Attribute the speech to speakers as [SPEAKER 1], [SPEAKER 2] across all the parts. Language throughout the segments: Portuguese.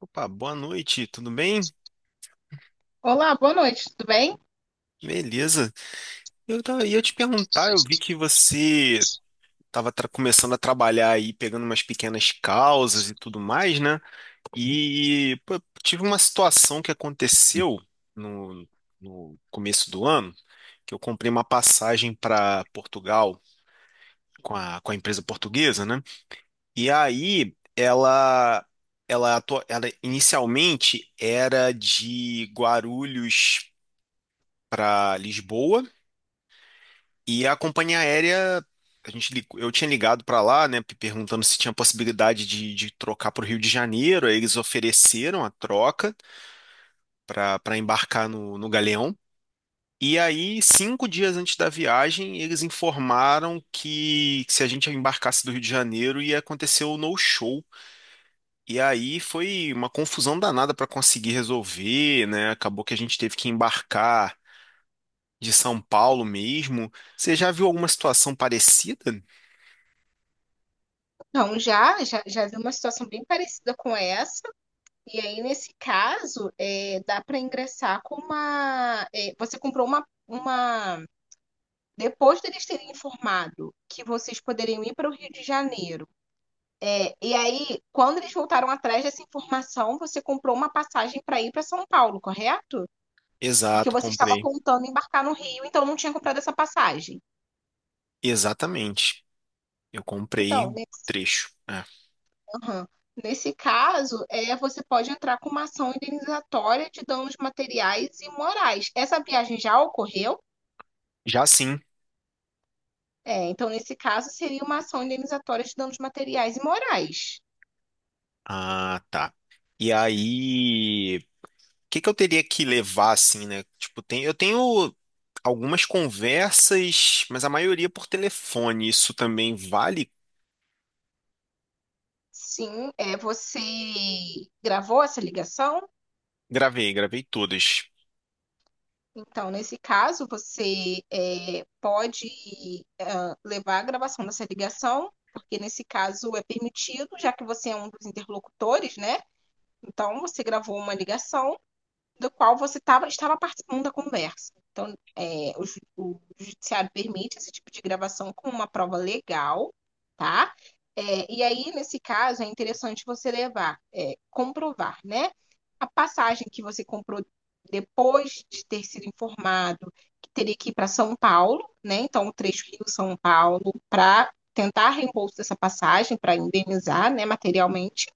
[SPEAKER 1] Opa, boa noite, tudo bem?
[SPEAKER 2] Olá, boa noite, tudo bem?
[SPEAKER 1] Beleza. Ia te perguntar, eu vi que você estava começando a trabalhar aí, pegando umas pequenas causas e tudo mais, né? E pô, tive uma situação que aconteceu no, no começo do ano, que eu comprei uma passagem para Portugal com a empresa portuguesa, né? E aí ela inicialmente era de Guarulhos para Lisboa. E a companhia aérea, eu tinha ligado para lá, né, perguntando se tinha possibilidade de trocar para o Rio de Janeiro. Aí eles ofereceram a troca para embarcar no Galeão. E aí, cinco dias antes da viagem, eles informaram que se a gente embarcasse do Rio de Janeiro ia acontecer o no-show. E aí foi uma confusão danada para conseguir resolver, né? Acabou que a gente teve que embarcar de São Paulo mesmo. Você já viu alguma situação parecida?
[SPEAKER 2] Não, já vi uma situação bem parecida com essa. E aí, nesse caso, dá para ingressar com uma. Você comprou uma. Depois deles terem informado que vocês poderiam ir para o Rio de Janeiro. E aí, quando eles voltaram atrás dessa informação, você comprou uma passagem para ir para São Paulo, correto? Porque
[SPEAKER 1] Exato,
[SPEAKER 2] você estava
[SPEAKER 1] comprei.
[SPEAKER 2] contando embarcar no Rio, então não tinha comprado essa passagem.
[SPEAKER 1] Exatamente. Eu comprei
[SPEAKER 2] Então,
[SPEAKER 1] o trecho. É.
[SPEAKER 2] aham. Nesse caso, você pode entrar com uma ação indenizatória de danos materiais e morais. Essa viagem já ocorreu?
[SPEAKER 1] Já sim.
[SPEAKER 2] Então, nesse caso, seria uma ação indenizatória de danos materiais e morais.
[SPEAKER 1] Ah, tá. E aí, o que que eu teria que levar assim, né? Tipo, tem, eu tenho algumas conversas, mas a maioria por telefone. Isso também vale?
[SPEAKER 2] Sim, você gravou essa ligação?
[SPEAKER 1] Gravei, gravei todas.
[SPEAKER 2] Então, nesse caso, você pode levar a gravação dessa ligação, porque nesse caso é permitido, já que você é um dos interlocutores, né? Então, você gravou uma ligação do qual você estava participando da conversa. Então, o judiciário permite esse tipo de gravação como uma prova legal, tá? E aí, nesse caso, é interessante você levar, comprovar, né? A passagem que você comprou depois de ter sido informado que teria que ir para São Paulo, né? Então, o trecho Rio-São Paulo, para tentar reembolso dessa passagem, para indenizar, né, materialmente.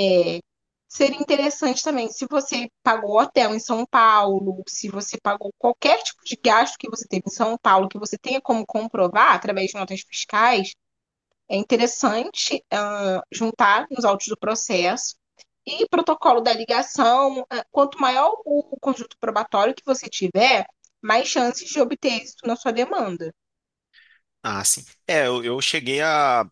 [SPEAKER 2] É, Seria interessante também, se você pagou hotel em São Paulo, se você pagou qualquer tipo de gasto que você teve em São Paulo, que você tenha como comprovar através de notas fiscais, é interessante juntar nos autos do processo. E protocolo da ligação, quanto maior o conjunto probatório que você tiver, mais chances de obter êxito na sua demanda.
[SPEAKER 1] Ah, sim. É, eu cheguei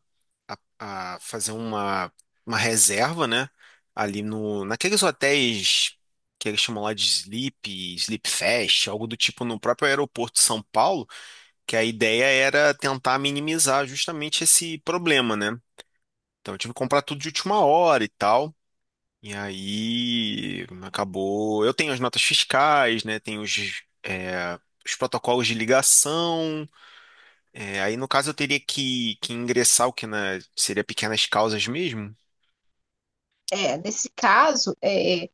[SPEAKER 1] a, a fazer uma reserva, né? Ali no, naqueles hotéis que eles chamam lá de Sleep, Sleep Fest, algo do tipo no próprio aeroporto de São Paulo, que a ideia era tentar minimizar justamente esse problema, né? Então eu tive que comprar tudo de última hora e tal. E aí acabou. Eu tenho as notas fiscais, né? Tenho os protocolos de ligação. É, aí no caso eu teria que ingressar o que na, seria pequenas causas mesmo.
[SPEAKER 2] Nesse caso,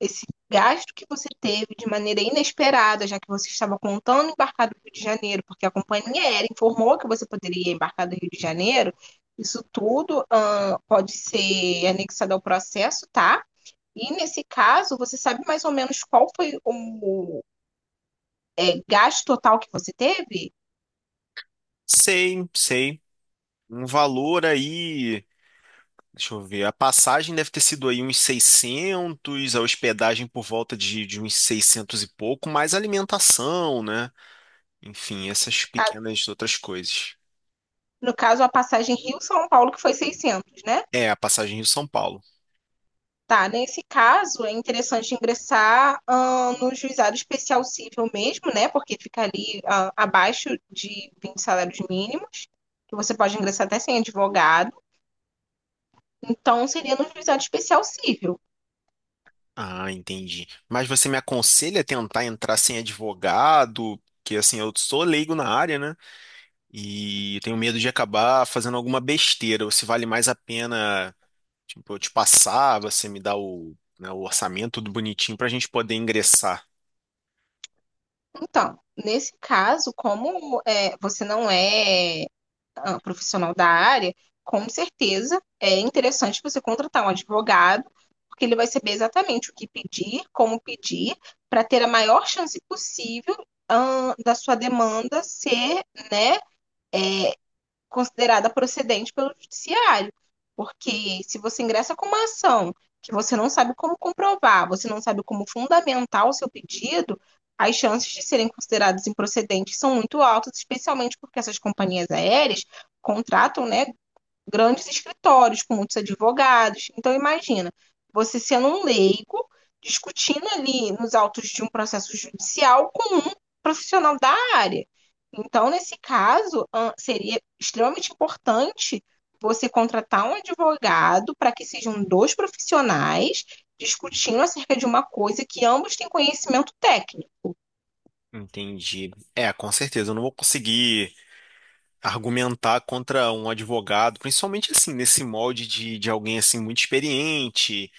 [SPEAKER 2] esse gasto que você teve de maneira inesperada, já que você estava contando embarcar do Rio de Janeiro, porque a companhia aérea informou que você poderia embarcar do Rio de Janeiro, isso tudo pode ser anexado ao processo, tá? E nesse caso, você sabe mais ou menos qual foi o gasto total que você teve?
[SPEAKER 1] Sei, sei. Um valor aí, deixa eu ver, a passagem deve ter sido aí uns seiscentos, a hospedagem por volta de uns 600 e pouco, mais alimentação, né? Enfim, essas
[SPEAKER 2] Ah,
[SPEAKER 1] pequenas outras coisas.
[SPEAKER 2] no caso, a passagem Rio-São Paulo, que foi 600, né?
[SPEAKER 1] É, a passagem Rio-São Paulo.
[SPEAKER 2] Tá, nesse caso é interessante ingressar no juizado especial civil mesmo, né? Porque fica ali abaixo de 20 salários mínimos, que você pode ingressar até sem advogado. Então, seria no juizado especial civil.
[SPEAKER 1] Ah, entendi. Mas você me aconselha a tentar entrar sem advogado? Porque assim, eu sou leigo na área, né? E tenho medo de acabar fazendo alguma besteira, ou se vale mais a pena. Tipo, eu te passar, você me dá o, né, o orçamento tudo bonitinho pra gente poder ingressar.
[SPEAKER 2] Então, nesse caso, como você não é profissional da área, com certeza é interessante você contratar um advogado, porque ele vai saber exatamente o que pedir, como pedir, para ter a maior chance possível da sua demanda ser, né, considerada procedente pelo judiciário. Porque se você ingressa com uma ação que você não sabe como comprovar, você não sabe como fundamentar o seu pedido, as chances de serem consideradas improcedentes são muito altas, especialmente porque essas companhias aéreas contratam, né, grandes escritórios, com muitos advogados. Então, imagina, você sendo um leigo, discutindo ali nos autos de um processo judicial com um profissional da área. Então, nesse caso, seria extremamente importante você contratar um advogado para que sejam dois profissionais discutindo acerca de uma coisa que ambos têm conhecimento técnico.
[SPEAKER 1] Entendi. É, com certeza, eu não vou conseguir argumentar contra um advogado, principalmente assim, nesse molde de alguém assim muito experiente,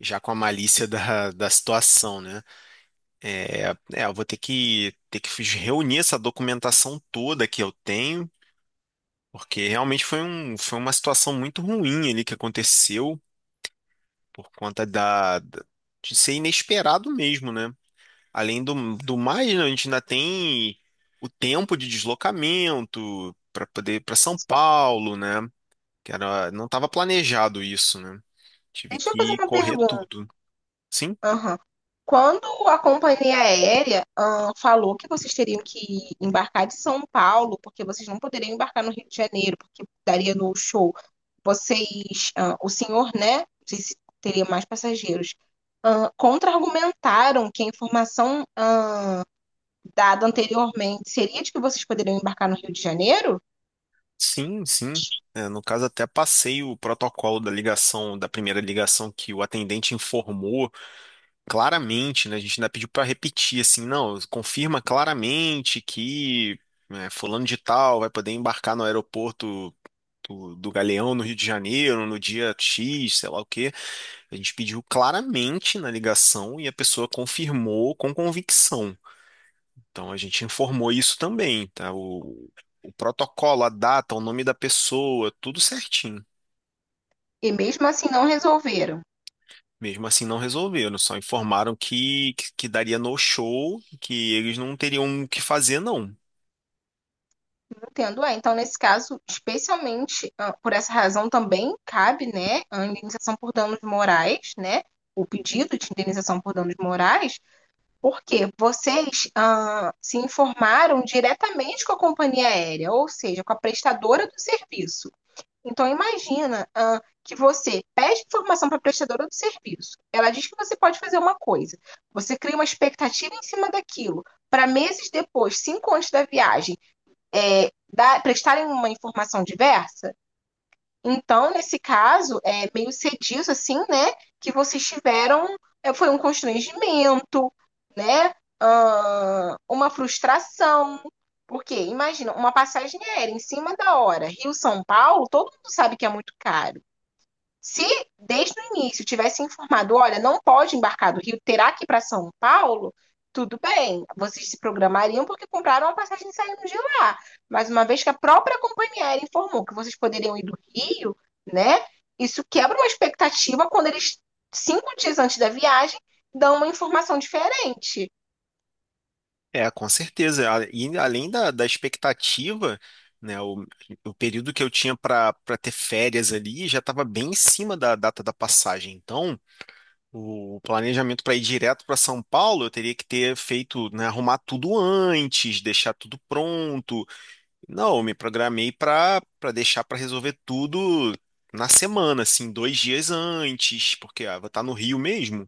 [SPEAKER 1] já com a malícia da situação, né? Eu vou ter que reunir essa documentação toda que eu tenho, porque realmente foi uma situação muito ruim ali que aconteceu por conta de ser inesperado mesmo, né? Além do mais, né, a gente ainda tem o tempo de deslocamento para poder ir para São Paulo, né? Que era, não estava planejado isso, né? Tive
[SPEAKER 2] Deixa eu fazer
[SPEAKER 1] que
[SPEAKER 2] uma
[SPEAKER 1] correr
[SPEAKER 2] pergunta.
[SPEAKER 1] tudo. Sim,
[SPEAKER 2] Aham. Quando a companhia aérea, falou que vocês teriam que embarcar de São Paulo, porque vocês não poderiam embarcar no Rio de Janeiro, porque daria no show, vocês, o senhor, né, não sei se teria mais passageiros, contra-argumentaram que a informação, dada anteriormente seria de que vocês poderiam embarcar no Rio de Janeiro,
[SPEAKER 1] sim, sim. É, no caso, até passei o protocolo da ligação, da primeira ligação que o atendente informou claramente, né? A gente ainda pediu para repetir, assim, não, confirma claramente que né, fulano de tal vai poder embarcar no aeroporto do Galeão no Rio de Janeiro, no dia X, sei lá o quê. A gente pediu claramente na ligação e a pessoa confirmou com convicção. Então a gente informou isso também, tá? O protocolo, a data, o nome da pessoa, tudo certinho.
[SPEAKER 2] e mesmo assim não resolveram.
[SPEAKER 1] Mesmo assim não resolveram, só informaram que daria no show, que eles não teriam o que fazer, não.
[SPEAKER 2] Entendo, é. Então, nesse caso, especialmente por essa razão também cabe, né, a indenização por danos morais, né, o pedido de indenização por danos morais, porque vocês se informaram diretamente com a companhia aérea, ou seja, com a prestadora do serviço. Então, imagina que você pede informação para a prestadora do serviço. Ela diz que você pode fazer uma coisa. Você cria uma expectativa em cima daquilo. Para meses depois, 5 anos da viagem, prestarem uma informação diversa. Então, nesse caso, é meio cedido, assim, né? Que vocês tiveram, foi um constrangimento, né? Uma frustração. Porque, imagina, uma passagem aérea em cima da hora, Rio-São Paulo, todo mundo sabe que é muito caro. Se desde o início tivesse informado, olha, não pode embarcar do Rio, terá que ir para São Paulo, tudo bem, vocês se programariam porque compraram a passagem saindo de lá. Mas uma vez que a própria companhia aérea informou que vocês poderiam ir do Rio, né? Isso quebra uma expectativa quando eles, 5 dias antes da viagem, dão uma informação diferente.
[SPEAKER 1] É, com certeza. A- E além da expectativa, né, o período que eu tinha para ter férias ali já estava bem em cima da data da passagem. Então, o planejamento para ir direto para São Paulo, eu teria que ter feito, né, arrumar tudo antes, deixar tudo pronto. Não, eu me programei para deixar para resolver tudo na semana, assim, dois dias antes, porque vou estar no Rio mesmo.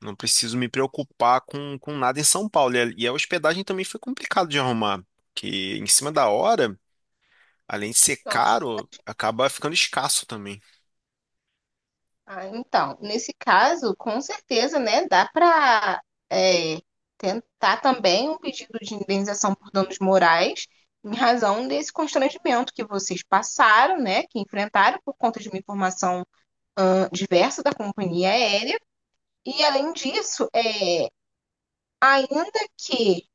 [SPEAKER 1] Não preciso me preocupar com nada em São Paulo. E a hospedagem também foi complicado de arrumar, porque em cima da hora, além de ser
[SPEAKER 2] Então,
[SPEAKER 1] caro, acaba ficando escasso também.
[SPEAKER 2] então, nesse caso, com certeza, né, dá para tentar também um pedido de indenização por danos morais em razão desse constrangimento que vocês passaram, né, que enfrentaram por conta de uma informação diversa da companhia aérea. E, além disso, ainda que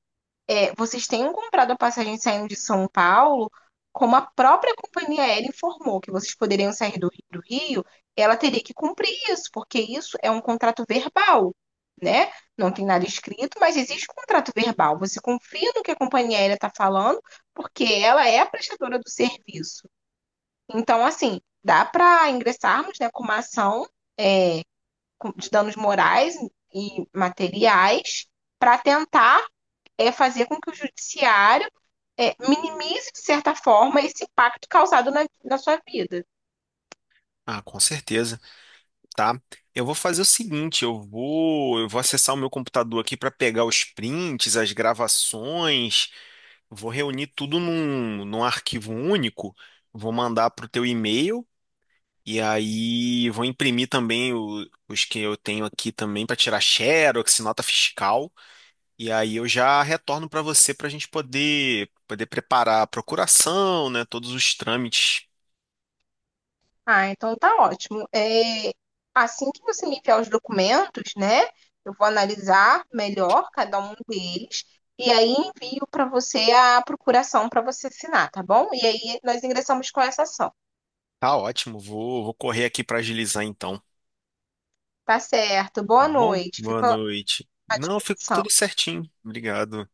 [SPEAKER 2] vocês tenham comprado a passagem saindo de São Paulo, como a própria companhia aérea informou que vocês poderiam sair do, do Rio, ela teria que cumprir isso, porque isso é um contrato verbal, né? Não tem nada escrito, mas existe um contrato verbal. Você confia no que a companhia aérea está falando, porque ela é a prestadora do serviço. Então, assim, dá para ingressarmos, né, com uma ação de danos morais e materiais para tentar fazer com que o judiciário minimize, de certa forma, esse impacto causado na, na sua vida.
[SPEAKER 1] Ah, com certeza, tá? Eu vou fazer o seguinte, eu vou acessar o meu computador aqui para pegar os prints, as gravações, vou reunir tudo num arquivo único, vou mandar para o teu e-mail. E aí vou imprimir também os que eu tenho aqui também para tirar xerox, nota fiscal. E aí eu já retorno para você para a gente poder preparar a procuração, né? Todos os trâmites.
[SPEAKER 2] Ah, então tá ótimo. Assim que você me enviar os documentos, né? Eu vou analisar melhor cada um deles e aí envio para você a procuração para você assinar, tá bom? E aí nós ingressamos com essa ação.
[SPEAKER 1] Tá ótimo, vou correr aqui para agilizar então.
[SPEAKER 2] Tá certo.
[SPEAKER 1] Tá
[SPEAKER 2] Boa
[SPEAKER 1] bom?
[SPEAKER 2] noite.
[SPEAKER 1] Boa
[SPEAKER 2] Fico
[SPEAKER 1] noite.
[SPEAKER 2] à
[SPEAKER 1] Não, ficou
[SPEAKER 2] disposição.
[SPEAKER 1] tudo certinho. Obrigado.